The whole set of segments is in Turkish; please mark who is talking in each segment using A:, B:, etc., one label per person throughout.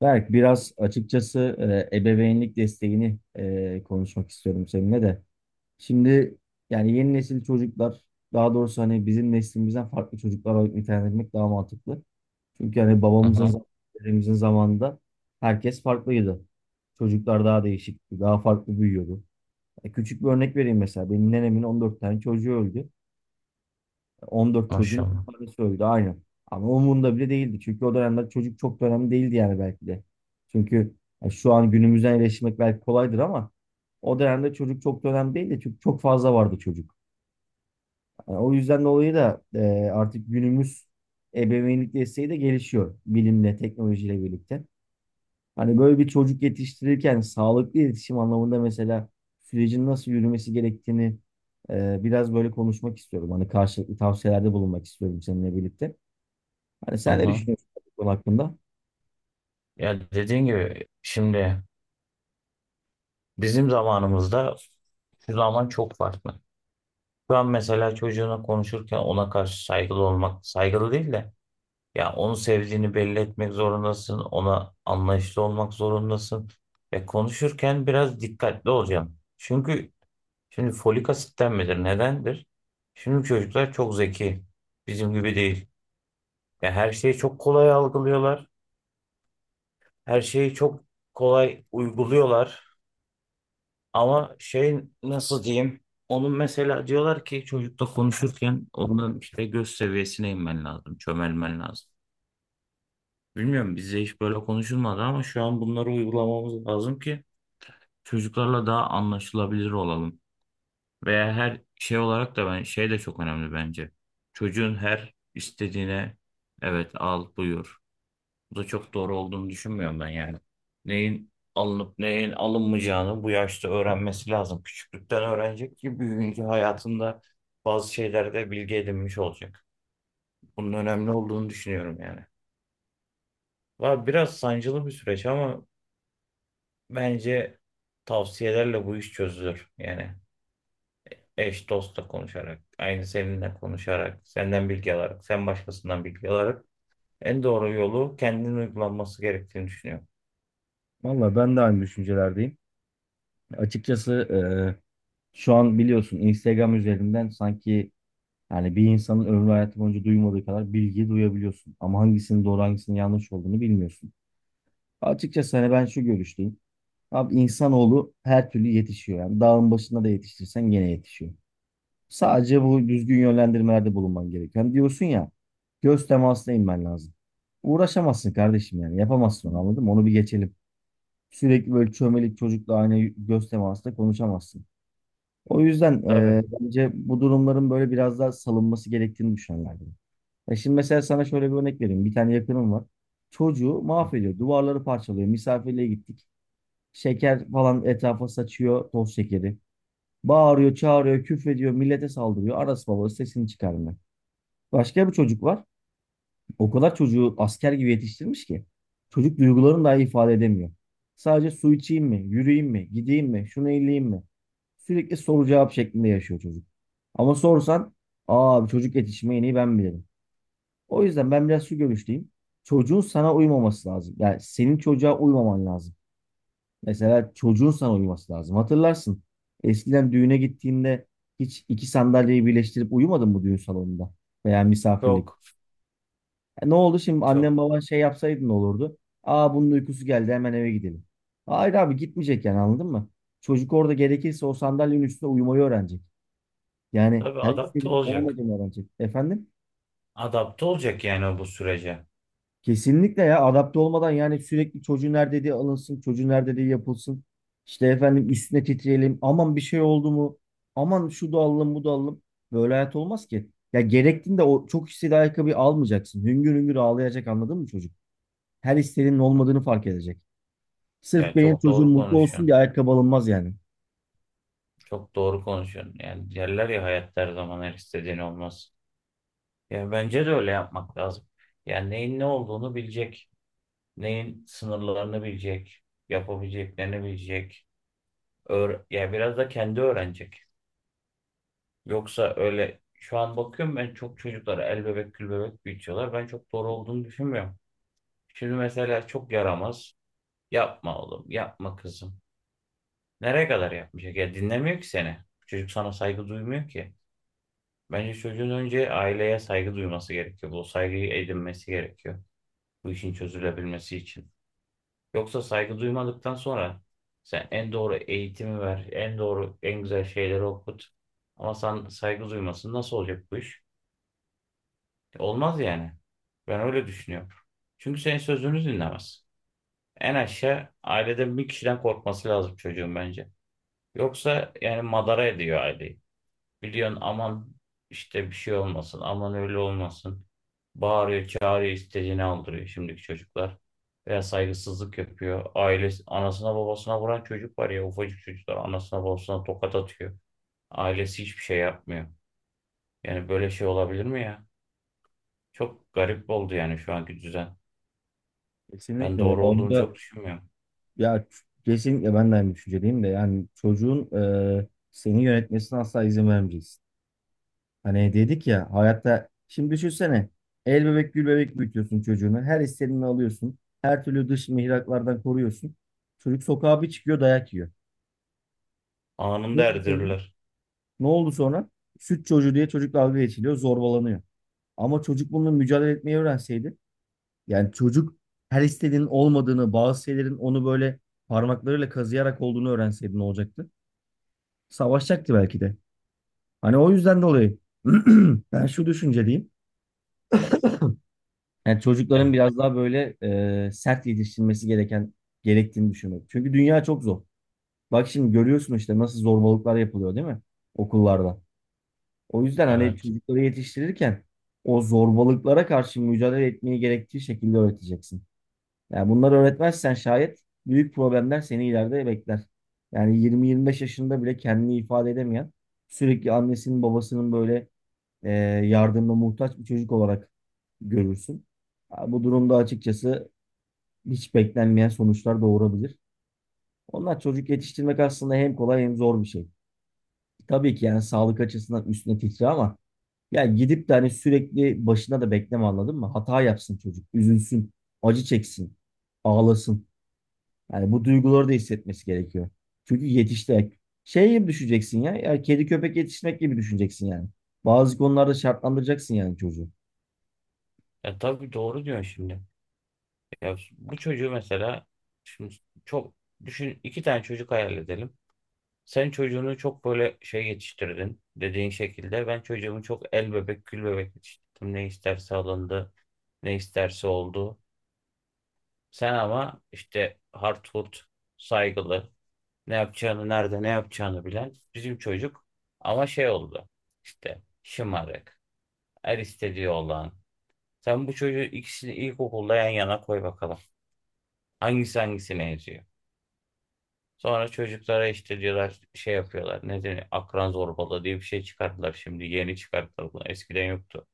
A: Berk, biraz açıkçası ebeveynlik desteğini konuşmak istiyorum seninle de. Şimdi yani yeni nesil çocuklar, daha doğrusu hani bizim neslimizden farklı çocuklar olarak nitelendirmek daha mantıklı. Çünkü hani
B: Hı
A: babamızın,
B: hı,
A: zam- dedemizin zamanında herkes farklıydı. Çocuklar daha değişikti, daha farklı büyüyordu. Küçük bir örnek vereyim mesela. Benim nenemin 14 tane çocuğu öldü. 14 çocuğun
B: maşallah.
A: 10 tanesi öldü aynen. Ama umurunda bile değildi. Çünkü o dönemde çocuk çok da önemli değildi yani belki de. Çünkü ya şu an günümüzden eleştirmek belki kolaydır ama o dönemde çocuk çok da önemli değildi. Çünkü çok fazla vardı çocuk. Yani o yüzden dolayı da artık günümüz ebeveynlik desteği de gelişiyor bilimle, teknolojiyle birlikte. Hani böyle bir çocuk yetiştirirken sağlıklı iletişim anlamında mesela sürecin nasıl yürümesi gerektiğini biraz böyle konuşmak istiyorum. Hani karşılıklı tavsiyelerde bulunmak istiyorum seninle birlikte. Hani
B: Hı
A: sen ne
B: hı.
A: düşünüyorsun bu konu hakkında?
B: Ya dediğin gibi şimdi bizim zamanımızda şu zaman çok farklı. Şu an mesela çocuğuna konuşurken ona karşı saygılı olmak, saygılı değil de ya onu sevdiğini belli etmek zorundasın, ona anlayışlı olmak zorundasın ve konuşurken biraz dikkatli olacaksın. Çünkü şimdi folik asitten midir, nedendir? Şimdi çocuklar çok zeki, bizim gibi değil. Ya her şeyi çok kolay algılıyorlar. Her şeyi çok kolay uyguluyorlar. Ama şey nasıl diyeyim? Onun mesela diyorlar ki çocukla konuşurken onun işte göz seviyesine inmen lazım, çömelmen lazım. Bilmiyorum bizde hiç böyle konuşulmadı ama şu an bunları uygulamamız lazım ki çocuklarla daha anlaşılabilir olalım. Veya her şey olarak da ben şey de çok önemli bence. Çocuğun her istediğine evet al buyur. Bu da çok doğru olduğunu düşünmüyorum ben yani. Neyin alınıp neyin alınmayacağını bu yaşta öğrenmesi lazım. Küçüklükten öğrenecek ki büyüyünce hayatında bazı şeylerde bilgi edinmiş olacak. Bunun önemli olduğunu düşünüyorum yani. Var biraz sancılı bir süreç ama bence tavsiyelerle bu iş çözülür. Yani eş dostla konuşarak, aynı seninle konuşarak, senden bilgi alarak, sen başkasından bilgi alarak en doğru yolu kendinin uygulanması gerektiğini düşünüyorum.
A: Valla ben de aynı düşüncelerdeyim. Açıkçası şu an biliyorsun Instagram üzerinden sanki yani bir insanın ömrü hayatı boyunca duymadığı kadar bilgi duyabiliyorsun. Ama hangisinin doğru hangisinin yanlış olduğunu bilmiyorsun. Açıkçası hani ben şu görüşteyim. Abi insanoğlu her türlü yetişiyor. Yani dağın başında da yetiştirsen gene yetişiyor. Sadece bu düzgün yönlendirmelerde bulunman gereken diyorsun ya göz temasına inmen lazım. Uğraşamazsın kardeşim yani yapamazsın onu anladın mı? Onu bir geçelim. Sürekli böyle çömelik çocukla aynı göz temasında konuşamazsın. O yüzden
B: Tabii.
A: bence bu durumların böyle biraz daha salınması gerektiğini düşünenlerdim. Ya şimdi mesela sana şöyle bir örnek vereyim. Bir tane yakınım var. Çocuğu mahvediyor. Duvarları parçalıyor. Misafirliğe gittik. Şeker falan etrafa saçıyor. Toz şekeri. Bağırıyor, çağırıyor, küfrediyor. Millete saldırıyor. Arası babası sesini çıkarmıyor. Başka bir çocuk var. O kadar çocuğu asker gibi yetiştirmiş ki. Çocuk duygularını dahi ifade edemiyor. Sadece su içeyim mi, yürüyeyim mi, gideyim mi, şunu elleyeyim mi? Sürekli soru cevap şeklinde yaşıyor çocuk. Ama sorsan, aa çocuk yetişmeyi en iyi ben bilirim. O yüzden ben biraz şu görüşteyim. Çocuğun sana uymaması lazım. Yani senin çocuğa uymaman lazım. Mesela çocuğun sana uyması lazım. Hatırlarsın. Eskiden düğüne gittiğinde hiç iki sandalyeyi birleştirip uyumadın mı düğün salonunda veya
B: Çok,
A: misafirlikte? Ne oldu şimdi
B: çok.
A: annem baban şey yapsaydı ne olurdu? Aa bunun uykusu geldi hemen eve gidelim. Hayır abi gitmeyecek yani anladın mı? Çocuk orada gerekirse o sandalyenin üstünde uyumayı öğrenecek. Yani
B: Tabii
A: her
B: adapte
A: istediği
B: olacak.
A: olmadığını öğrenecek. Efendim?
B: Adapte olacak yani bu sürece.
A: Kesinlikle ya adapte olmadan yani sürekli çocuğun her dediği alınsın, çocuğun her dediği yapılsın. İşte efendim üstüne titreyelim. Aman bir şey oldu mu? Aman şu da alalım bu da alalım. Böyle hayat olmaz ki. Ya gerektiğinde o çok istediği ayakkabıyı almayacaksın. Hüngür hüngür ağlayacak anladın mı çocuk? Her istediğinin olmadığını fark edecek. Sırf
B: Ya
A: benim
B: çok
A: çocuğum
B: doğru
A: mutlu olsun
B: konuşuyorsun.
A: diye ayakkabı alınmaz yani.
B: Çok doğru konuşuyorsun. Yani derler ya hayatta her zaman her istediğin olmaz. Yani bence de öyle yapmak lazım. Yani neyin ne olduğunu bilecek. Neyin sınırlarını bilecek. Yapabileceklerini bilecek. Yani biraz da kendi öğrenecek. Yoksa öyle şu an bakıyorum ben çok çocuklara el bebek gül bebek büyütüyorlar. Ben çok doğru olduğunu düşünmüyorum. Şimdi mesela çok yaramaz. Yapma oğlum, yapma kızım. Nereye kadar yapmayacak? Ya dinlemiyor ki seni. Çocuk sana saygı duymuyor ki. Bence çocuğun önce aileye saygı duyması gerekiyor. Bu saygıyı edinmesi gerekiyor. Bu işin çözülebilmesi için. Yoksa saygı duymadıktan sonra sen en doğru eğitimi ver, en doğru, en güzel şeyleri okut. Ama sen saygı duymasın nasıl olacak bu iş? Olmaz yani. Ben öyle düşünüyorum. Çünkü senin sözünü dinlemez. En aşağı aileden bir kişiden korkması lazım çocuğun bence. Yoksa yani madara ediyor aileyi. Biliyorsun aman işte bir şey olmasın, aman öyle olmasın. Bağırıyor, çağırıyor, istediğini aldırıyor şimdiki çocuklar. Veya saygısızlık yapıyor. Ailesi, anasına babasına vuran çocuk var ya ufacık çocuklar anasına babasına tokat atıyor. Ailesi hiçbir şey yapmıyor. Yani böyle şey olabilir mi ya? Çok garip oldu yani şu anki düzen. Ben
A: Kesinlikle ya
B: doğru olduğunu
A: onda
B: çok düşünmüyorum.
A: ya kesinlikle ben de aynı düşüncedeyim de yani çocuğun seni yönetmesine asla izin vermeyeceksin. Hani dedik ya hayatta şimdi düşünsene el bebek gül bebek büyütüyorsun çocuğunu her istediğini alıyorsun her türlü dış mihraklardan koruyorsun. Çocuk sokağa bir çıkıyor dayak yiyor. Ne
B: Anında
A: oldu sonra?
B: erdirirler.
A: Ne oldu sonra? Süt çocuğu diye çocuk dalga geçiliyor zorbalanıyor. Ama çocuk bununla mücadele etmeyi öğrenseydi. Yani çocuk her istediğinin olmadığını, bazı şeylerin onu böyle parmaklarıyla kazıyarak olduğunu öğrenseydi ne olacaktı? Savaşacaktı belki de. Hani o yüzden dolayı ben şu düşünceliyim. Yani
B: E,
A: çocukların biraz daha böyle sert yetiştirilmesi gerektiğini düşünüyorum. Çünkü dünya çok zor. Bak şimdi görüyorsun işte nasıl zorbalıklar yapılıyor değil mi? Okullarda. O yüzden hani
B: evet.
A: çocukları yetiştirirken o zorbalıklara karşı mücadele etmeyi gerektiği şekilde öğreteceksin. Yani bunları öğretmezsen şayet büyük problemler seni ileride bekler. Yani 20-25 yaşında bile kendini ifade edemeyen, sürekli annesinin babasının böyle e, yardımına muhtaç bir çocuk olarak görürsün. Ha, bu durumda açıkçası hiç beklenmeyen sonuçlar doğurabilir. Onlar çocuk yetiştirmek aslında hem kolay hem zor bir şey. Tabii ki yani sağlık açısından üstüne titri ama yani gidip de hani sürekli başına da bekleme anladın mı? Hata yapsın çocuk, üzülsün, acı çeksin, ağlasın. Yani bu duyguları da hissetmesi gerekiyor. Çünkü yetişti. Şey gibi düşeceksin ya. Ya kedi köpek yetiştirmek gibi düşüneceksin yani. Bazı konularda şartlandıracaksın yani çocuğu.
B: Tabii doğru diyorsun şimdi. Ya bu çocuğu mesela şimdi çok düşün iki tane çocuk hayal edelim. Sen çocuğunu çok böyle şey yetiştirdin dediğin şekilde. Ben çocuğumu çok el bebek gül bebek yetiştirdim. Ne isterse alındı, ne isterse oldu. Sen ama işte hardcore, saygılı, ne yapacağını, nerede ne yapacağını bilen bizim çocuk. Ama şey oldu işte şımarık, her istediği olan. Sen bu çocuğu ikisini ilkokulda yan yana koy bakalım. Hangisi hangisine yazıyor? Sonra çocuklara işte diyorlar şey yapıyorlar. Ne deniyor? Akran zorbalığı diye bir şey çıkarttılar şimdi. Yeni çıkarttılar bunu. Eskiden yoktu.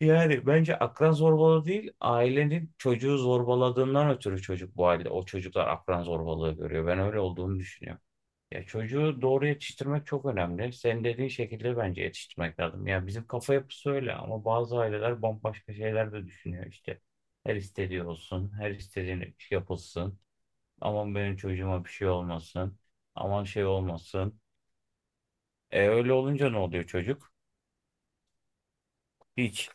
B: Yani bence akran zorbalığı değil, ailenin çocuğu zorbaladığından ötürü çocuk bu halde. O çocuklar akran zorbalığı görüyor. Ben öyle olduğunu düşünüyorum. Ya çocuğu doğru yetiştirmek çok önemli. Senin dediğin şekilde bence yetiştirmek lazım. Ya bizim kafa yapısı öyle ama bazı aileler bambaşka şeyler de düşünüyor işte. Her istediği olsun, her istediğini yapılsın. Aman benim çocuğuma bir şey olmasın. Aman şey olmasın. Öyle olunca ne oluyor çocuk? Hiç.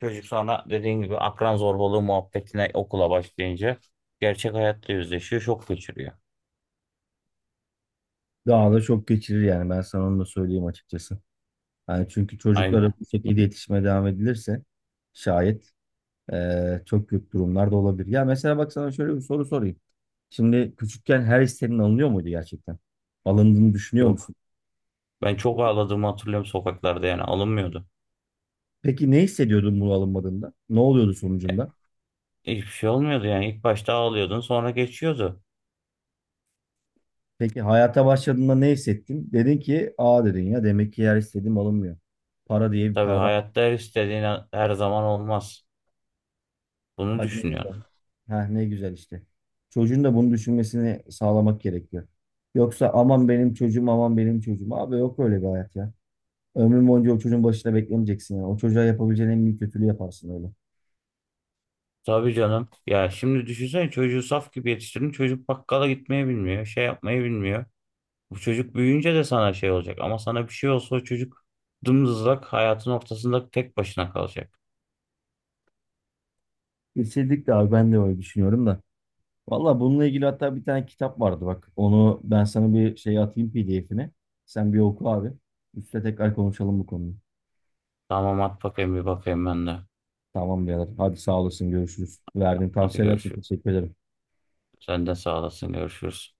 B: Çocuk sana dediğin gibi akran zorbalığı muhabbetine okula başlayınca gerçek hayatta yüzleşiyor, şok geçiriyor.
A: Daha da çok geçirir yani ben sana onu da söyleyeyim açıkçası. Yani çünkü çocuklara
B: Aynen.
A: bu şekilde yetişmeye devam edilirse şayet çok kötü durumlar da olabilir. Ya mesela bak sana şöyle bir soru sorayım. Şimdi küçükken her isteğin alınıyor muydu gerçekten? Alındığını düşünüyor
B: Yok.
A: musun?
B: Ben çok ağladığımı hatırlıyorum sokaklarda yani alınmıyordu.
A: Peki ne hissediyordun bunu alınmadığında? Ne oluyordu
B: Ya,
A: sonucunda?
B: Hiçbir şey olmuyordu yani. İlk başta ağlıyordun sonra geçiyordu.
A: Peki hayata başladığında ne hissettin? Dedin ki aa dedin ya demek ki yer istediğim alınmıyor. Para diye bir
B: Tabii
A: kavram var.
B: hayatta her istediğin her zaman olmaz. Bunu
A: Bak ne
B: düşünüyorum.
A: güzel. Ha ne güzel işte. Çocuğun da bunu düşünmesini sağlamak gerekiyor. Yoksa aman benim çocuğum aman benim çocuğum. Abi yok öyle bir hayat ya. Ömrün boyunca o çocuğun başına beklemeyeceksin yani. O çocuğa yapabileceğin en büyük kötülüğü yaparsın öyle.
B: Tabii canım. Ya şimdi düşünsene çocuğu saf gibi yetiştirdin. Çocuk bakkala gitmeyi bilmiyor. Şey yapmayı bilmiyor. Bu çocuk büyüyünce de sana şey olacak. Ama sana bir şey olsa o çocuk dımdızlak hayatın ortasında tek başına kalacak.
A: Kesinlikle abi ben de öyle düşünüyorum da. Valla bununla ilgili hatta bir tane kitap vardı bak. Onu ben sana bir şey atayım PDF'ine. Sen bir oku abi. Üstte tekrar konuşalım bu konuyu.
B: Tamam at bakayım bir bakayım ben de.
A: Tamam birader. Hadi sağ olasın. Görüşürüz. Verdiğin
B: Hadi
A: tavsiyeler için
B: görüşürüz.
A: teşekkür ederim.
B: Sen de sağ olasın görüşürüz.